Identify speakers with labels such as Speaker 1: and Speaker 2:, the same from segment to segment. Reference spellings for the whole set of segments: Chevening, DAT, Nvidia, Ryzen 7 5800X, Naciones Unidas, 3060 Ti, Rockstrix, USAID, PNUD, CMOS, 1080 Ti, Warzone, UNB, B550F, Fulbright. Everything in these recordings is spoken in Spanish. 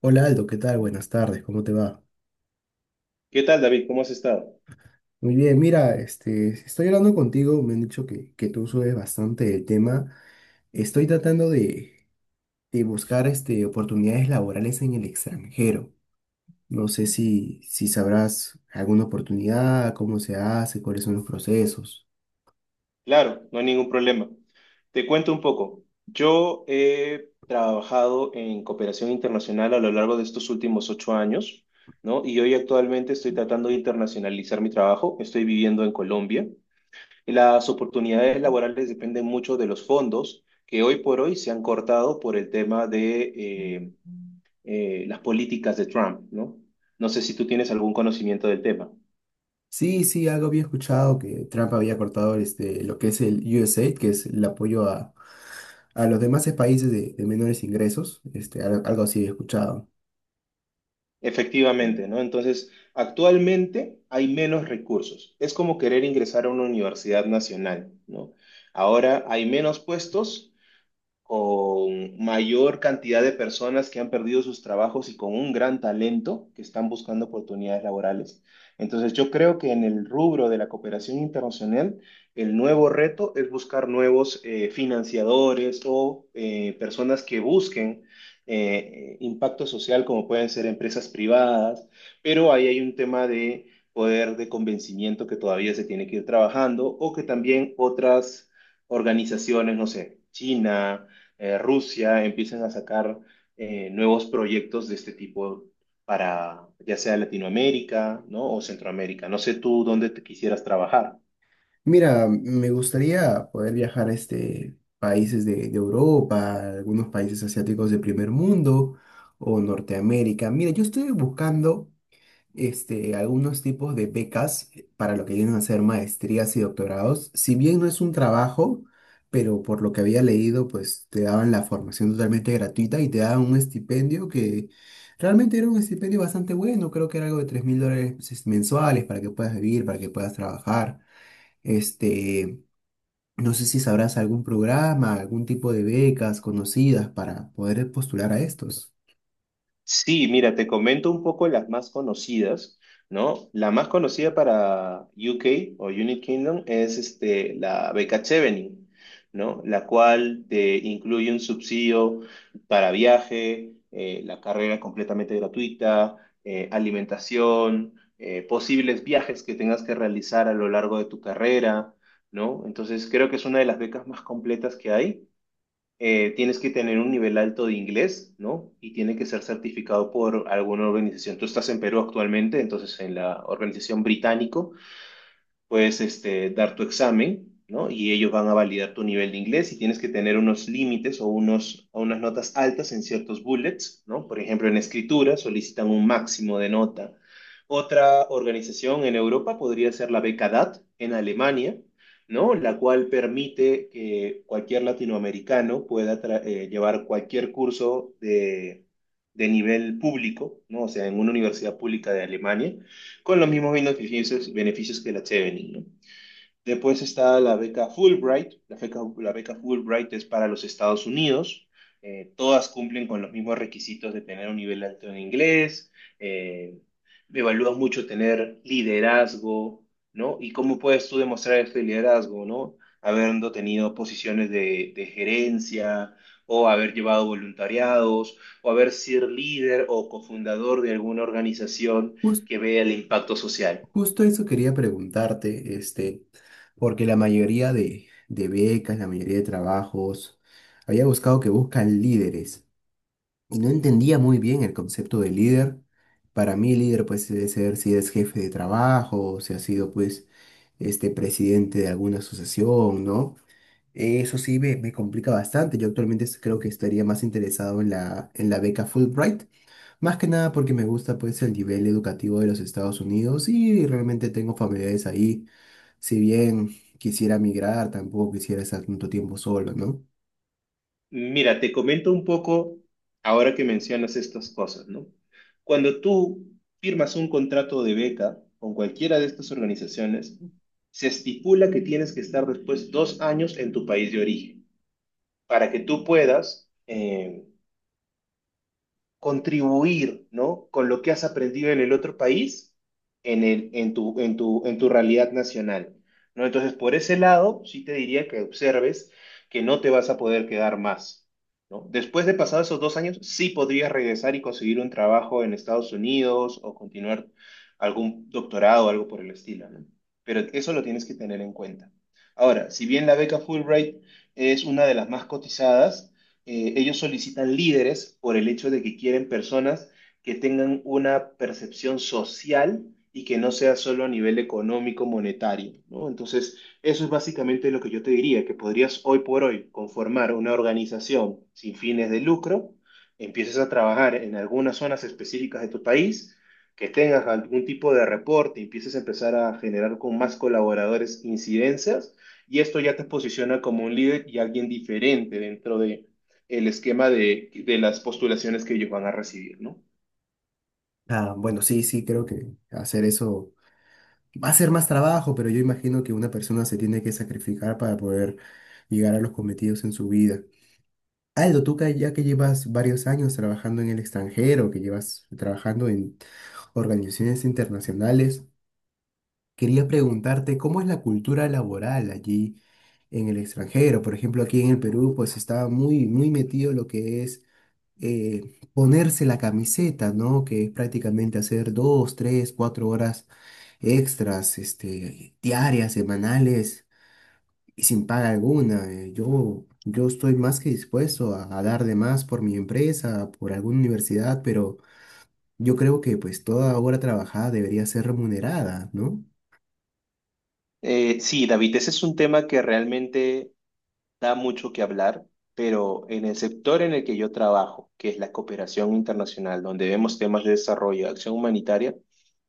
Speaker 1: Hola Aldo, ¿qué tal? Buenas tardes, ¿cómo te va?
Speaker 2: ¿Qué tal, David? ¿Cómo has estado?
Speaker 1: Muy bien, mira, estoy hablando contigo, me han dicho que tú sabes bastante el tema. Estoy tratando de buscar oportunidades laborales en el extranjero. No sé si sabrás alguna oportunidad, cómo se hace, cuáles son los procesos.
Speaker 2: Claro, no hay ningún problema. Te cuento un poco. Yo he trabajado en cooperación internacional a lo largo de estos últimos 8 años, ¿no? Y hoy actualmente estoy tratando de internacionalizar mi trabajo. Estoy viviendo en Colombia. Y las oportunidades laborales dependen mucho de los fondos que hoy por hoy se han cortado por el tema de las políticas de Trump, ¿no? No sé si tú tienes algún conocimiento del tema.
Speaker 1: Sí, sí, algo había escuchado que Trump había cortado lo que es el USAID, que es el apoyo a los demás países de menores ingresos. Algo así he escuchado.
Speaker 2: Efectivamente, ¿no? Entonces, actualmente hay menos recursos. Es como querer ingresar a una universidad nacional, ¿no? Ahora hay menos puestos con mayor cantidad de personas que han perdido sus trabajos y con un gran talento que están buscando oportunidades laborales. Entonces, yo creo que en el rubro de la cooperación internacional, el nuevo reto es buscar nuevos financiadores o personas que busquen impacto social, como pueden ser empresas privadas, pero ahí hay un tema de poder de convencimiento que todavía se tiene que ir trabajando o que también otras organizaciones, no sé, China, Rusia empiecen a sacar nuevos proyectos de este tipo para ya sea Latinoamérica, ¿no? O Centroamérica. No sé tú dónde te quisieras trabajar.
Speaker 1: Mira, me gustaría poder viajar a países de Europa, algunos países asiáticos de primer mundo o Norteamérica. Mira, yo estoy buscando algunos tipos de becas para lo que vienen a ser maestrías y doctorados. Si bien no es un trabajo, pero por lo que había leído, pues te daban la formación totalmente gratuita y te daban un estipendio que realmente era un estipendio bastante bueno. Creo que era algo de $3000 pues, mensuales para que puedas vivir, para que puedas trabajar. Este, no sé si sabrás algún programa, algún tipo de becas conocidas para poder postular a estos.
Speaker 2: Sí, mira, te comento un poco las más conocidas, ¿no? La más conocida para UK o United Kingdom es este, la beca Chevening, ¿no? La cual te incluye un subsidio para viaje, la carrera completamente gratuita, alimentación, posibles viajes que tengas que realizar a lo largo de tu carrera, ¿no? Entonces creo que es una de las becas más completas que hay. Tienes que tener un nivel alto de inglés, ¿no? Y tiene que ser certificado por alguna organización. Tú estás en Perú actualmente, entonces en la organización británico puedes este, dar tu examen, ¿no? Y ellos van a validar tu nivel de inglés y tienes que tener unos límites o, unos, o unas notas altas en ciertos bullets, ¿no? Por ejemplo, en escritura solicitan un máximo de nota. Otra organización en Europa podría ser la Beca DAT en Alemania, ¿no? La cual permite que cualquier latinoamericano pueda llevar cualquier curso de nivel público, ¿no? O sea, en una universidad pública de Alemania con los mismos beneficios, que la Chevening, ¿no? Después está la beca Fulbright. La beca Fulbright es para los Estados Unidos. Todas cumplen con los mismos requisitos de tener un nivel alto en inglés. eh, Evalúan mucho tener liderazgo, ¿no? ¿Y cómo puedes tú demostrar este liderazgo, ¿no? Habiendo tenido posiciones de gerencia o haber llevado voluntariados o haber sido líder o cofundador de alguna organización
Speaker 1: Jus-
Speaker 2: que vea el impacto social.
Speaker 1: Justo eso quería preguntarte, porque la mayoría de becas, la mayoría de trabajos, había buscado que buscan líderes y no entendía muy bien el concepto de líder. Para mí, líder pues debe ser si eres jefe de trabajo, o si has sido
Speaker 2: Ujú.
Speaker 1: pues este presidente de alguna asociación, ¿no? Eso sí me complica bastante. Yo actualmente creo que estaría más interesado en en la beca Fulbright, más que nada porque me gusta pues el nivel educativo de los Estados Unidos y realmente tengo familiares ahí. Si bien quisiera migrar, tampoco quisiera estar tanto tiempo solo, ¿no?
Speaker 2: Mira, te comento un poco ahora que mencionas estas cosas, ¿no? Cuando tú firmas un contrato de beca con cualquiera de estas organizaciones, se estipula que tienes que estar después 2 años en tu país de origen para que tú puedas contribuir, ¿no? Con lo que has aprendido en el otro país, en el, en tu, en tu, en tu realidad nacional, ¿no? Entonces, por ese lado, sí te diría que observes que no te vas a poder quedar más, ¿no? Después de pasados esos 2 años, sí podrías regresar y conseguir un trabajo en Estados Unidos o continuar algún doctorado o algo por el estilo, ¿no? Pero eso lo tienes que tener en cuenta. Ahora, si bien la beca Fulbright es una de las más cotizadas, ellos solicitan líderes por el hecho de que quieren personas que tengan una percepción social y que no sea solo a nivel económico, monetario, ¿no? Entonces, eso es básicamente lo que yo te diría, que podrías hoy por hoy conformar una organización sin fines de lucro, empieces a trabajar en algunas zonas específicas de tu país, que tengas algún tipo de reporte, empieces a empezar a generar con más colaboradores incidencias, y esto ya te posiciona como un líder y alguien diferente dentro de el esquema de las postulaciones que ellos van a recibir, ¿no?
Speaker 1: Ah, bueno, sí, sí, creo que hacer eso va a ser más trabajo, pero yo imagino que una persona se tiene que sacrificar para poder llegar a los cometidos en su vida. Aldo, tú que ya que llevas varios años trabajando en el extranjero, que llevas trabajando en organizaciones internacionales, quería preguntarte cómo es la cultura laboral allí en el extranjero. Por ejemplo, aquí en el Perú, pues está muy, muy metido lo que es eh, ponerse la camiseta, ¿no? Que es prácticamente hacer dos, tres, cuatro horas extras, diarias, semanales y sin paga alguna. Yo estoy más que dispuesto a dar de más por mi empresa, por alguna universidad, pero yo creo que pues toda hora trabajada debería ser remunerada, ¿no?
Speaker 2: Sí, David, ese es un tema que realmente da mucho que hablar, pero en el sector en el que yo trabajo, que es la cooperación internacional, donde vemos temas de desarrollo, acción humanitaria,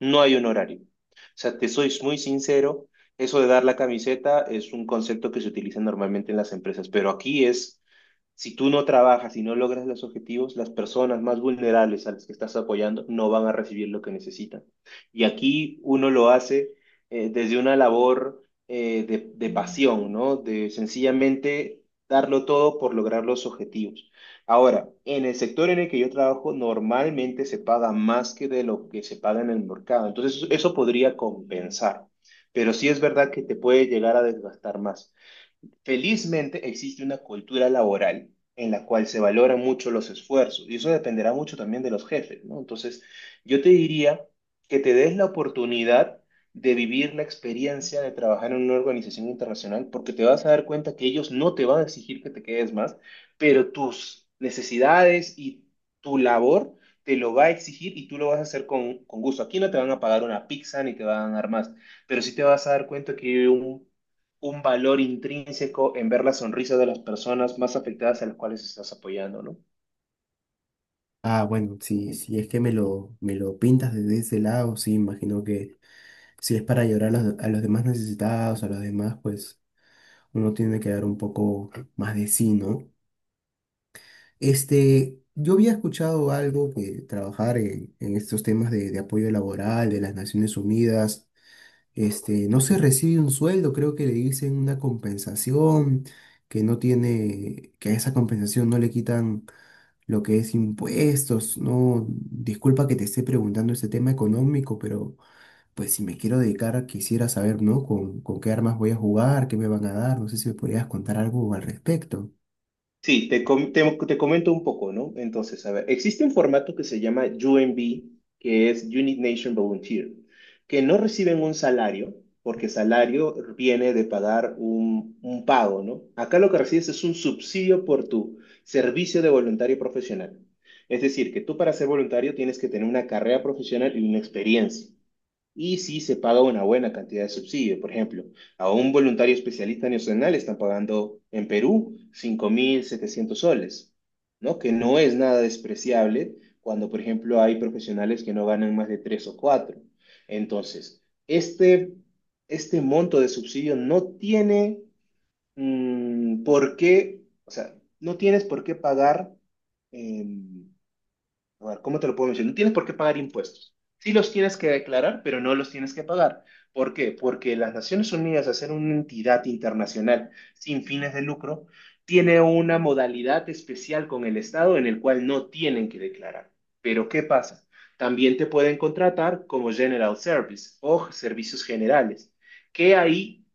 Speaker 2: no hay un horario. O sea, te soy muy sincero, eso de dar la camiseta es un concepto que se utiliza normalmente en las empresas, pero aquí es, si tú no trabajas y no logras los objetivos, las personas más vulnerables a las que estás apoyando no van a recibir lo que necesitan. Y aquí uno lo hace desde una labor de pasión, ¿no? De sencillamente darlo todo por lograr los objetivos. Ahora, en el sector en el que yo trabajo, normalmente se paga más que de lo que se paga en el mercado. Entonces, eso podría compensar. Pero sí es verdad que te puede llegar a desgastar más. Felizmente existe una cultura laboral en la cual se valoran mucho los esfuerzos y eso dependerá mucho también de los jefes, ¿no? Entonces, yo te diría que te des la oportunidad de vivir la experiencia de trabajar en una organización internacional porque te vas a dar cuenta que ellos no te van a exigir que te quedes más, pero tus necesidades y tu labor te lo va a exigir y tú lo vas a hacer con gusto. Aquí no te van a pagar una pizza ni te van a dar más, pero sí te vas a dar cuenta que hay un valor intrínseco en ver la sonrisa de las personas más afectadas a las cuales estás apoyando, ¿no?
Speaker 1: Ah, bueno, si, si es que me me lo pintas desde ese lado, sí, imagino que si es para ayudar a a los demás necesitados, a los demás, pues uno tiene que dar un poco más de sí, ¿no? Yo había escuchado algo que trabajar en estos temas de apoyo laboral de las Naciones Unidas. No se recibe un sueldo, creo que le dicen una compensación, que no tiene, que a esa compensación no le quitan lo que es impuestos, ¿no? Disculpa que te esté preguntando este tema económico, pero pues si me quiero dedicar, quisiera saber, ¿no? Con qué armas voy a jugar, qué me van a dar, no sé si me podrías contar algo al respecto.
Speaker 2: Sí, te comento un poco, ¿no? Entonces, a ver, existe un formato que se llama UNB, que es Unit Nation Volunteer, que no reciben un salario, porque salario viene de pagar un pago, ¿no? Acá lo que recibes es un subsidio por tu servicio de voluntario profesional. Es decir, que tú para ser voluntario tienes que tener una carrera profesional y una experiencia. Y sí se paga una buena cantidad de subsidio. Por ejemplo, a un voluntario especialista nacional están pagando en Perú 5700 soles, ¿no? Que no es nada despreciable cuando, por ejemplo, hay profesionales que no ganan más de 3 o cuatro. Entonces, este monto de subsidio no tiene por qué, o sea, no tienes por qué pagar. em, a ver, ¿cómo te lo puedo mencionar? No tienes por qué pagar impuestos. Sí los tienes que declarar, pero no los tienes que pagar. ¿Por qué? Porque las Naciones Unidas, al ser una entidad internacional sin fines de lucro, tiene una modalidad especial con el Estado en el cual no tienen que declarar. Pero ¿qué pasa? También te pueden contratar como General Service o servicios generales, que ahí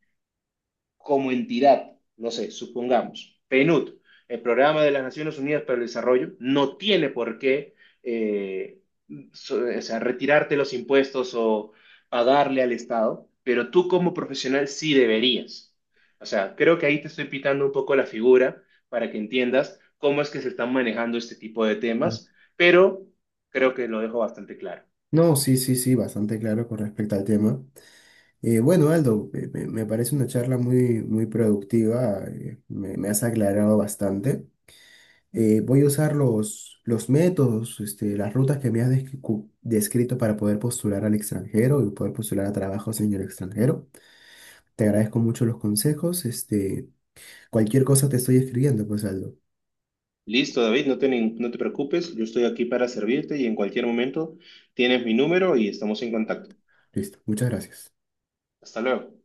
Speaker 2: como entidad, no sé, supongamos, PNUD, el Programa de las Naciones Unidas para el Desarrollo, no tiene por qué eh, o sea, retirarte los impuestos o pagarle al Estado, pero tú como profesional sí deberías. O sea, creo que ahí te estoy pitando un poco la figura para que entiendas cómo es que se están manejando este tipo de
Speaker 1: Ah,
Speaker 2: temas, pero creo que lo dejo bastante claro.
Speaker 1: No, sí, sí, sí, bastante claro con respecto al tema. Bueno, Aldo, me parece una charla muy, muy productiva, me has aclarado bastante. Voy a usar los métodos, las rutas que me has descrito para poder postular al extranjero y poder postular a trabajos en el extranjero. Te agradezco mucho los consejos. Cualquier cosa te estoy escribiendo, pues Aldo.
Speaker 2: Listo, David, no te preocupes, yo estoy aquí para servirte y en cualquier momento tienes mi número y estamos en contacto.
Speaker 1: Listo, muchas gracias.
Speaker 2: Hasta luego.